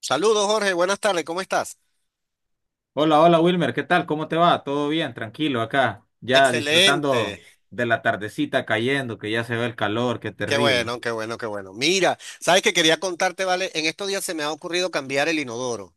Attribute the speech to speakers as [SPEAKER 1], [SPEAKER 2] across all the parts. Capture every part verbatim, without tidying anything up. [SPEAKER 1] Saludos, Jorge. Buenas tardes. ¿Cómo estás?
[SPEAKER 2] Hola, hola Wilmer, ¿qué tal? ¿Cómo te va? ¿Todo bien? Tranquilo acá, ya
[SPEAKER 1] Excelente.
[SPEAKER 2] disfrutando de la tardecita cayendo, que ya se ve el calor, qué
[SPEAKER 1] Qué
[SPEAKER 2] terrible.
[SPEAKER 1] bueno, qué bueno, qué bueno. Mira, sabes que quería contarte, ¿vale? En estos días se me ha ocurrido cambiar el inodoro.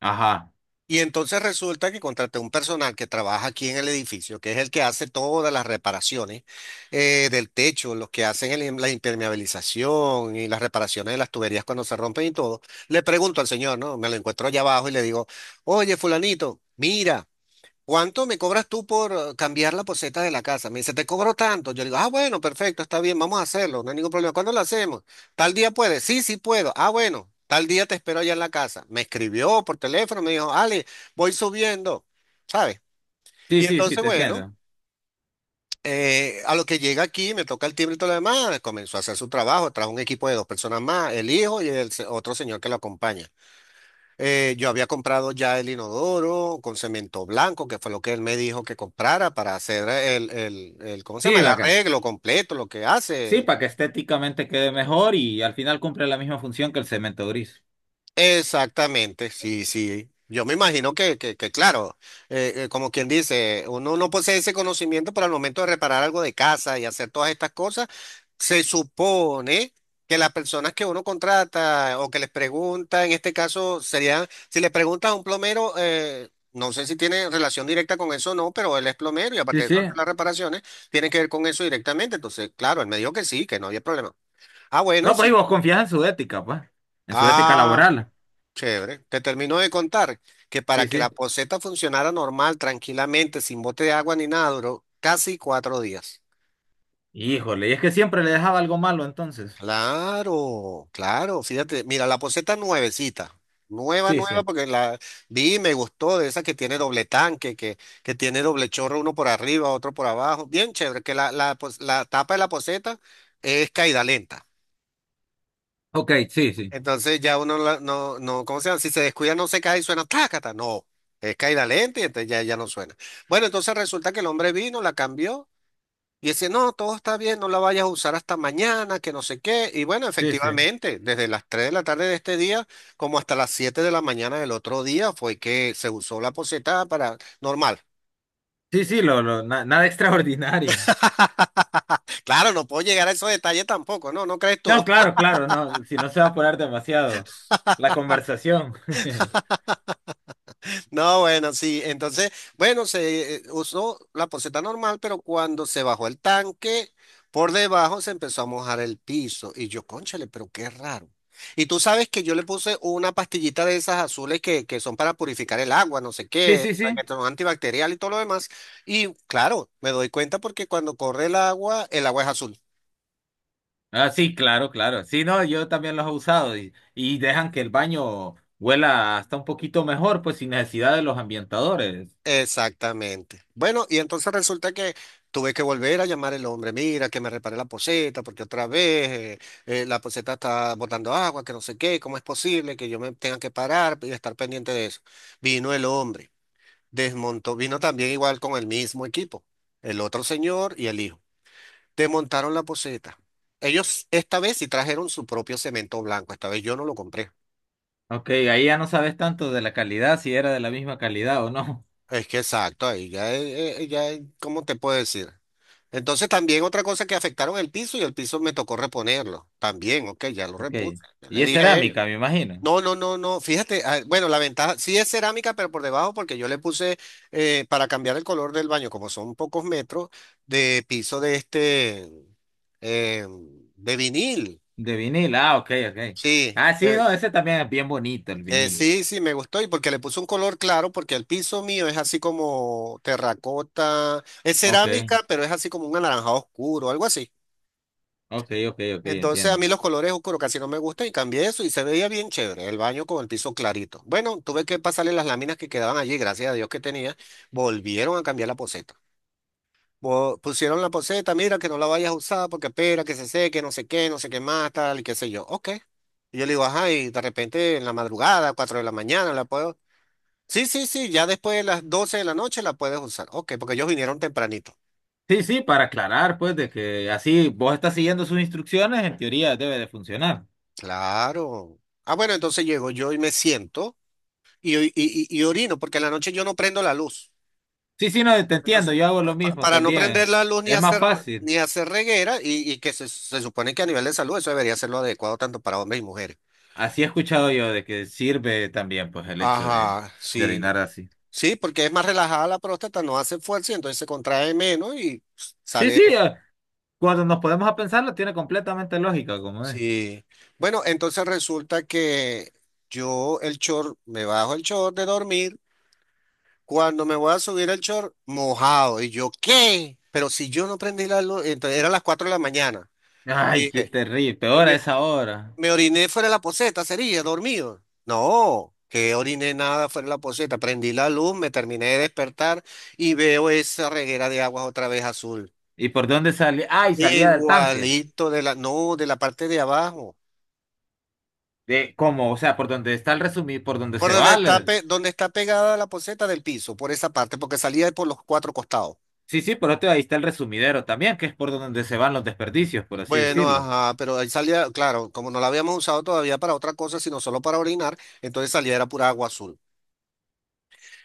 [SPEAKER 2] Ajá.
[SPEAKER 1] Y entonces resulta que contraté un personal que trabaja aquí en el edificio, que es el que hace todas las reparaciones eh, del techo, los que hacen el- la impermeabilización y las reparaciones de las tuberías cuando se rompen y todo. Le pregunto al señor, ¿no? Me lo encuentro allá abajo y le digo, oye, fulanito, mira. ¿Cuánto me cobras tú por eh, cambiar la poceta de la casa? Me dice, te cobro tanto. Yo le digo, ah, bueno, perfecto, está bien, vamos a hacerlo, no hay ningún problema. ¿Cuándo lo hacemos? Tal día puedes. Sí, sí puedo. Ah, bueno, tal día te espero allá en la casa. Me escribió por teléfono, me dijo, Ale, voy subiendo, ¿sabes?
[SPEAKER 2] Sí,
[SPEAKER 1] Y
[SPEAKER 2] sí, sí,
[SPEAKER 1] entonces,
[SPEAKER 2] te
[SPEAKER 1] bueno,
[SPEAKER 2] entiendo.
[SPEAKER 1] eh, a lo que llega aquí, me toca el timbre y todo lo demás, comenzó a hacer su trabajo, trajo un equipo de dos personas más, el hijo y el se- otro señor que lo acompaña. Eh, yo había comprado ya el inodoro con cemento blanco, que fue lo que él me dijo que comprara para hacer el, el, el- ¿cómo se
[SPEAKER 2] Sí,
[SPEAKER 1] llama? El
[SPEAKER 2] acá.
[SPEAKER 1] arreglo completo, lo que
[SPEAKER 2] Sí,
[SPEAKER 1] hace.
[SPEAKER 2] para que estéticamente quede mejor y al final cumple la misma función que el cemento gris.
[SPEAKER 1] Exactamente, sí, sí. Yo me imagino que, que, que claro, eh, eh, como quien dice, uno no posee ese conocimiento, pero al momento de reparar algo de casa y hacer todas estas cosas, se supone que las personas que uno contrata o que les pregunta, en este caso serían, si le preguntas a un plomero, eh, no sé si tiene relación directa con eso o no, pero él es plomero y
[SPEAKER 2] Sí,
[SPEAKER 1] aparte de
[SPEAKER 2] sí.
[SPEAKER 1] eso hace las reparaciones, tiene que ver con eso directamente. Entonces, claro, él me dijo que sí, que no había problema. Ah, bueno,
[SPEAKER 2] No, pues
[SPEAKER 1] sí.
[SPEAKER 2] y vos confías en su ética, pues, en su ética
[SPEAKER 1] Ah,
[SPEAKER 2] laboral.
[SPEAKER 1] chévere. Te termino de contar que para
[SPEAKER 2] Sí,
[SPEAKER 1] que la
[SPEAKER 2] sí.
[SPEAKER 1] poceta funcionara normal, tranquilamente, sin bote de agua ni nada, duró casi cuatro días.
[SPEAKER 2] Híjole, y es que siempre le dejaba algo malo entonces.
[SPEAKER 1] Claro, claro. Fíjate, mira, la poceta nuevecita. Nueva,
[SPEAKER 2] Sí, sí.
[SPEAKER 1] nueva, porque la vi y me gustó, de esa que tiene doble tanque, que, que tiene doble chorro, uno por arriba, otro por abajo. Bien chévere, que la, la, pos- la tapa de la poceta es caída lenta.
[SPEAKER 2] Ok, sí, sí.
[SPEAKER 1] Entonces ya uno la- no, no, ¿cómo se llama? Si se descuida no se cae y suena tácata. No, es caída lenta y entonces ya, ya no suena. Bueno, entonces resulta que el hombre vino, la cambió y dice, no, todo está bien, no la vayas a usar hasta mañana, que no sé qué. Y bueno,
[SPEAKER 2] Sí, sí.
[SPEAKER 1] efectivamente, desde las tres de la tarde de este día como hasta las siete de la mañana del otro día fue que se usó la poceta para normal.
[SPEAKER 2] Sí, sí, lo, lo, na- nada extraordinario.
[SPEAKER 1] Claro, no puedo llegar a esos detalles tampoco, ¿no? ¿No crees tú?
[SPEAKER 2] No, claro, claro, no, si no se va a poner demasiado. La conversación.
[SPEAKER 1] No, bueno, sí. Entonces, bueno, se eh, usó la poceta normal, pero cuando se bajó el tanque, por debajo se empezó a mojar el piso. Y yo, cónchale, pero qué raro. Y tú sabes que yo le puse una pastillita de esas azules que, que son para purificar el agua, no sé
[SPEAKER 2] Sí,
[SPEAKER 1] qué,
[SPEAKER 2] sí,
[SPEAKER 1] para
[SPEAKER 2] sí.
[SPEAKER 1] que son antibacterial y todo lo demás. Y claro, me doy cuenta porque cuando corre el agua, el agua es azul.
[SPEAKER 2] Ah, sí, claro, claro. Sí, no, yo también los he usado y, y dejan que el baño huela hasta un poquito mejor, pues sin necesidad de los ambientadores.
[SPEAKER 1] Exactamente. Bueno, y entonces resulta que tuve que volver a llamar al hombre, mira, que me repare la poceta, porque otra vez eh, eh, la poceta está botando agua, que no sé qué, ¿cómo es posible que yo me tenga que parar y estar pendiente de eso? Vino el hombre, desmontó, vino también igual con el mismo equipo, el otro señor y el hijo. Desmontaron la poceta. Ellos esta vez sí trajeron su propio cemento blanco, esta vez yo no lo compré.
[SPEAKER 2] Ok, ahí ya no sabes tanto de la calidad, si era de la misma calidad o no.
[SPEAKER 1] Es que exacto, ahí ya, es- eh, ya, es- ¿cómo te puedo decir? Entonces también otra cosa que afectaron el piso y el piso me tocó reponerlo. También, ok, ya lo
[SPEAKER 2] Ok.
[SPEAKER 1] repuse. Ya le
[SPEAKER 2] Y es
[SPEAKER 1] dije a ellos.
[SPEAKER 2] cerámica, me imagino.
[SPEAKER 1] No, no, no, no. Fíjate, ah, bueno, la ventaja sí es cerámica, pero por debajo, porque yo le puse eh, para cambiar el color del baño, como son pocos metros, de piso de este eh, de vinil.
[SPEAKER 2] De vinil, ah, ok, ok.
[SPEAKER 1] Sí,
[SPEAKER 2] Ah, sí,
[SPEAKER 1] de...
[SPEAKER 2] no, ese también es bien bonito, el
[SPEAKER 1] Eh,
[SPEAKER 2] vinil.
[SPEAKER 1] sí, sí, me gustó y porque le puso un color claro, porque el piso mío es así como terracota, es
[SPEAKER 2] Ok,
[SPEAKER 1] cerámica, pero es así como un anaranjado oscuro, algo así.
[SPEAKER 2] ok, ok, ok,
[SPEAKER 1] Entonces a
[SPEAKER 2] entiendo.
[SPEAKER 1] mí los colores oscuros casi no me gustan y cambié eso y se veía bien chévere el baño con el piso clarito. Bueno, tuve que pasarle las láminas que quedaban allí, gracias a Dios que tenía, volvieron a cambiar la poceta. Vo- Pusieron la poceta, mira que no la vayas a usar porque espera que se seque, no sé qué, no sé qué más, tal y qué sé yo. Ok. Y yo le digo, ajá, y de repente en la madrugada, cuatro de la mañana, la puedo. Sí, sí, sí, ya después de las doce de la noche la puedes usar. Ok, porque ellos vinieron tempranito.
[SPEAKER 2] Sí, sí, para aclarar, pues, de que así vos estás siguiendo sus instrucciones, en teoría debe de funcionar.
[SPEAKER 1] Claro. Ah, bueno, entonces llego yo y me siento y, y, y- y orino, porque en la noche yo no prendo la luz.
[SPEAKER 2] Sí, sí, no, te entiendo,
[SPEAKER 1] Entonces,
[SPEAKER 2] yo hago lo
[SPEAKER 1] pa- pa-
[SPEAKER 2] mismo
[SPEAKER 1] para no prender
[SPEAKER 2] también.
[SPEAKER 1] la luz ni
[SPEAKER 2] Es más
[SPEAKER 1] hacer,
[SPEAKER 2] fácil.
[SPEAKER 1] ni hacer reguera, y, y que se, se supone que a nivel de salud eso debería ser lo adecuado tanto para hombres y mujeres.
[SPEAKER 2] Así he escuchado yo de que sirve también, pues, el hecho de,
[SPEAKER 1] Ajá,
[SPEAKER 2] de
[SPEAKER 1] sí.
[SPEAKER 2] orinar así.
[SPEAKER 1] Sí, porque es más relajada la próstata, no hace fuerza y entonces se contrae menos y
[SPEAKER 2] Sí,
[SPEAKER 1] sale.
[SPEAKER 2] sí, eh, cuando nos podemos a pensarlo, tiene completamente lógica, como es.
[SPEAKER 1] Sí. Bueno, entonces resulta que yo el short, me bajo el short de dormir, cuando me voy a subir el short, mojado. Y yo, ¿qué? Pero si yo no prendí la luz, entonces eran las cuatro de la mañana.
[SPEAKER 2] Ay, qué
[SPEAKER 1] Dije,
[SPEAKER 2] terrible,
[SPEAKER 1] eh,
[SPEAKER 2] peor a
[SPEAKER 1] me,
[SPEAKER 2] esa hora.
[SPEAKER 1] me oriné fuera de la poceta, sería, dormido. No, que oriné nada fuera de la poceta. Prendí la luz, me terminé de despertar y veo esa reguera de aguas otra vez azul.
[SPEAKER 2] ¿Y por dónde salía? Ay, salía del tanque.
[SPEAKER 1] Igualito de la, no, de la parte de abajo.
[SPEAKER 2] De, ¿cómo? O sea, por donde está el resumir, por donde
[SPEAKER 1] Por
[SPEAKER 2] se
[SPEAKER 1] donde
[SPEAKER 2] va.
[SPEAKER 1] está, pe- donde está pegada la poceta del piso, por esa parte, porque salía por los cuatro costados.
[SPEAKER 2] Sí, sí, por otro ahí está el resumidero también, que es por donde se van los desperdicios, por así
[SPEAKER 1] Bueno,
[SPEAKER 2] decirlo.
[SPEAKER 1] ajá, pero ahí salía, claro, como no la habíamos usado todavía para otra cosa, sino solo para orinar, entonces salía era pura agua azul.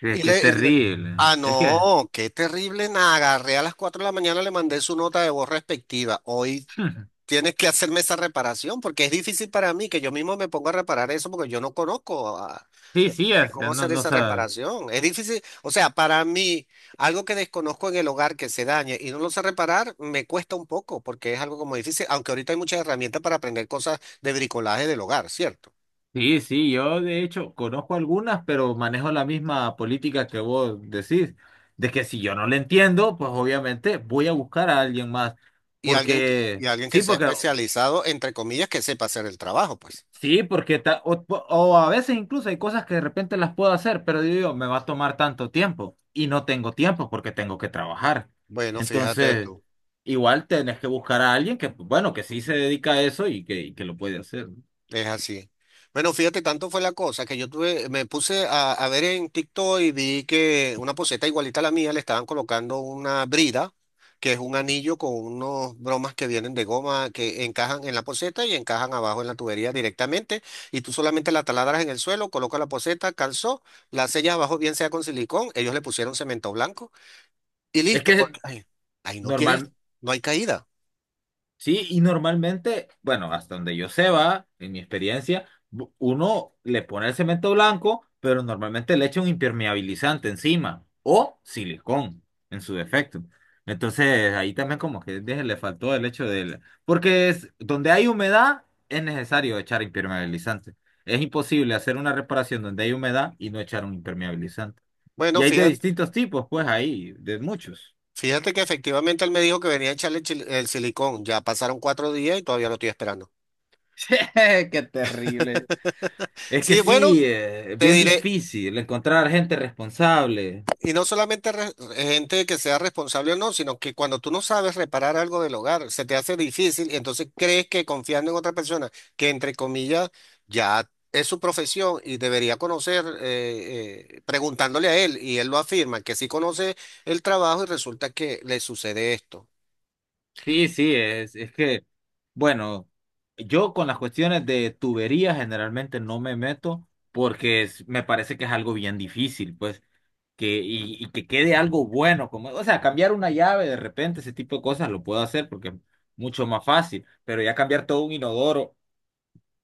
[SPEAKER 2] Es
[SPEAKER 1] Y
[SPEAKER 2] que es
[SPEAKER 1] le, y le-
[SPEAKER 2] terrible.
[SPEAKER 1] ah,
[SPEAKER 2] Es que,
[SPEAKER 1] no, qué terrible, nada, agarré a las cuatro de la mañana, le mandé su nota de voz respectiva. Hoy tienes que hacerme esa reparación porque es difícil para mí que yo mismo me ponga a reparar eso porque yo no conozco a-
[SPEAKER 2] sí,
[SPEAKER 1] de-
[SPEAKER 2] sí,
[SPEAKER 1] de
[SPEAKER 2] es- eh,
[SPEAKER 1] cómo
[SPEAKER 2] no,
[SPEAKER 1] hacer
[SPEAKER 2] no
[SPEAKER 1] esa
[SPEAKER 2] sabe.
[SPEAKER 1] reparación. Es difícil, o sea, para mí, algo que desconozco en el hogar que se dañe y no lo sé reparar, me cuesta un poco porque es algo como difícil, aunque ahorita hay muchas herramientas para aprender cosas de bricolaje del hogar, ¿cierto?
[SPEAKER 2] Sí, sí, yo de hecho conozco algunas, pero manejo la misma política que vos decís, de que si yo no le entiendo, pues obviamente voy a buscar a alguien más,
[SPEAKER 1] Y alguien, que- y
[SPEAKER 2] porque,
[SPEAKER 1] alguien que
[SPEAKER 2] sí,
[SPEAKER 1] sea
[SPEAKER 2] porque
[SPEAKER 1] especializado, entre comillas, que sepa hacer el trabajo, pues.
[SPEAKER 2] sí, porque ta- o, o a veces incluso hay cosas que de repente las puedo hacer, pero yo digo, me va a tomar tanto tiempo y no tengo tiempo porque tengo que trabajar.
[SPEAKER 1] Bueno, fíjate
[SPEAKER 2] Entonces,
[SPEAKER 1] tú.
[SPEAKER 2] igual tenés que buscar a alguien que, bueno, que sí se dedica a eso y que, y que lo puede hacer, ¿no?
[SPEAKER 1] Es así. Bueno, fíjate, tanto fue la cosa que yo tuve, me puse a, a ver en TikTok y vi que una poseta igualita a la mía le estaban colocando una brida, que es un anillo con unos bromas que vienen de goma que encajan en la poseta y encajan abajo en la tubería directamente. Y tú solamente la taladras en el suelo, colocas la poseta, calzó, la sellas abajo, bien sea con silicón. Ellos le pusieron cemento blanco y
[SPEAKER 2] Es
[SPEAKER 1] listo,
[SPEAKER 2] que
[SPEAKER 1] porque ahí, ahí no tienes,
[SPEAKER 2] normal.
[SPEAKER 1] no hay caída.
[SPEAKER 2] Sí, y normalmente, bueno, hasta donde yo sé va, en mi experiencia, bu- uno le pone el cemento blanco, pero normalmente le echa un impermeabilizante encima o silicón en su defecto. Entonces, ahí también como que de- le faltó el hecho del... Porque es, donde hay humedad es necesario echar impermeabilizante. Es imposible hacer una reparación donde hay humedad y no echar un impermeabilizante. Y
[SPEAKER 1] Bueno,
[SPEAKER 2] hay de
[SPEAKER 1] fíjate.
[SPEAKER 2] distintos tipos, pues ahí, de muchos.
[SPEAKER 1] Fíjate que efectivamente él me dijo que venía a echarle el, chil- el silicón. Ya pasaron cuatro días y todavía lo estoy esperando.
[SPEAKER 2] Qué terrible. Es que
[SPEAKER 1] Sí, bueno,
[SPEAKER 2] sí, eh, es
[SPEAKER 1] te
[SPEAKER 2] bien
[SPEAKER 1] diré,
[SPEAKER 2] difícil encontrar gente responsable.
[SPEAKER 1] y no solamente re- gente que sea responsable o no, sino que cuando tú no sabes reparar algo del hogar, se te hace difícil y entonces crees que confiando en otra persona, que entre comillas ya es su profesión y debería conocer, eh, eh, preguntándole a él, y él lo afirma, que sí conoce el trabajo y resulta que le sucede esto.
[SPEAKER 2] Sí, sí, es, es que, bueno, yo con las cuestiones de tubería generalmente no me meto porque es- me parece que es algo bien difícil, pues, que, y, y que quede algo bueno, como, o sea, cambiar una llave de repente, ese tipo de cosas lo puedo hacer porque es mucho más fácil, pero ya cambiar todo un inodoro,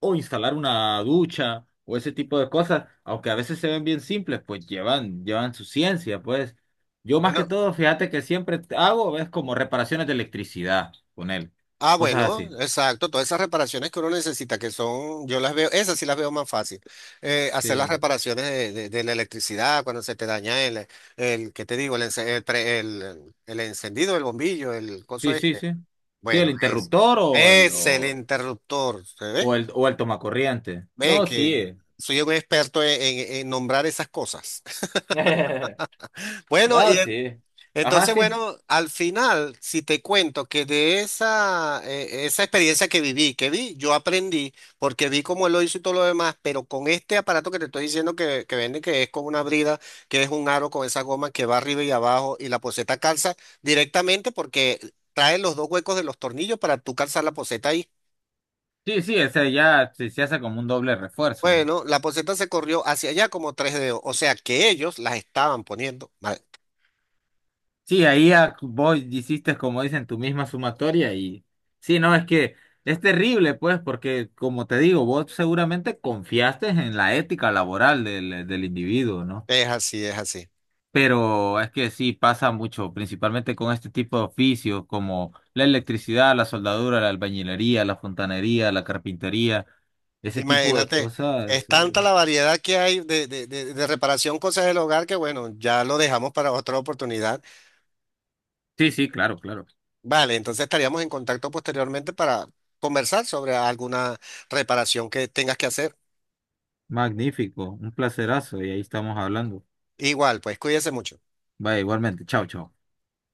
[SPEAKER 2] o instalar una ducha o ese tipo de cosas, aunque a veces se ven bien simples, pues llevan, llevan su ciencia, pues. Yo más que
[SPEAKER 1] Bueno.
[SPEAKER 2] todo, fíjate que siempre hago es como reparaciones de electricidad con él,
[SPEAKER 1] Ah,
[SPEAKER 2] cosas
[SPEAKER 1] bueno,
[SPEAKER 2] así.
[SPEAKER 1] exacto. Todas esas reparaciones que uno necesita, que son, yo las veo, esas sí las veo más fácil. Eh, hacer las
[SPEAKER 2] Sí,
[SPEAKER 1] reparaciones de, de- de la electricidad cuando se te daña el, el, ¿qué te digo? El, ence- el, pre- el, el encendido del bombillo, el coso
[SPEAKER 2] sí, sí,
[SPEAKER 1] este.
[SPEAKER 2] sí. Sí, el
[SPEAKER 1] Bueno, es,
[SPEAKER 2] interruptor o el
[SPEAKER 1] es el
[SPEAKER 2] o,
[SPEAKER 1] interruptor, ¿se ve?
[SPEAKER 2] o el o el tomacorriente.
[SPEAKER 1] Ve
[SPEAKER 2] No,
[SPEAKER 1] que
[SPEAKER 2] sí.
[SPEAKER 1] soy un experto en, en- en nombrar esas cosas. Bueno,
[SPEAKER 2] No,
[SPEAKER 1] y
[SPEAKER 2] sí. Ajá,
[SPEAKER 1] Entonces,
[SPEAKER 2] sí.
[SPEAKER 1] bueno, al final, si te cuento que de esa, eh, esa experiencia que viví, que vi, yo aprendí, porque vi cómo él lo hizo y todo lo demás, pero con este aparato que te estoy diciendo que, que vende, que es con una brida, que es un aro con esa goma que va arriba y abajo, y la poceta calza directamente porque trae los dos huecos de los tornillos para tú calzar la poceta ahí.
[SPEAKER 2] Sí, sí, ese ya se, se hace como un doble refuerzo.
[SPEAKER 1] Bueno, la poceta se corrió hacia allá como tres dedos, o sea que ellos las estaban poniendo mal.
[SPEAKER 2] Sí, ahí a- vos hiciste, como dicen, tu misma sumatoria y sí, no, es que es terrible, pues, porque como te digo, vos seguramente confiaste en la ética laboral del, del individuo, ¿no?
[SPEAKER 1] Es así, es así.
[SPEAKER 2] Pero es que sí pasa mucho, principalmente con este tipo de oficios como la electricidad, la soldadura, la albañilería, la fontanería, la carpintería, ese tipo de
[SPEAKER 1] Imagínate, es
[SPEAKER 2] cosas. eh,
[SPEAKER 1] tanta la variedad que hay de, de, de, de reparación, cosas del hogar, que bueno, ya lo dejamos para otra oportunidad.
[SPEAKER 2] Sí, sí, claro, claro.
[SPEAKER 1] Vale, entonces estaríamos en contacto posteriormente para conversar sobre alguna reparación que tengas que hacer.
[SPEAKER 2] Magnífico, un placerazo y ahí estamos hablando.
[SPEAKER 1] Igual, pues cuídese mucho.
[SPEAKER 2] Vaya, igualmente, chao, chao.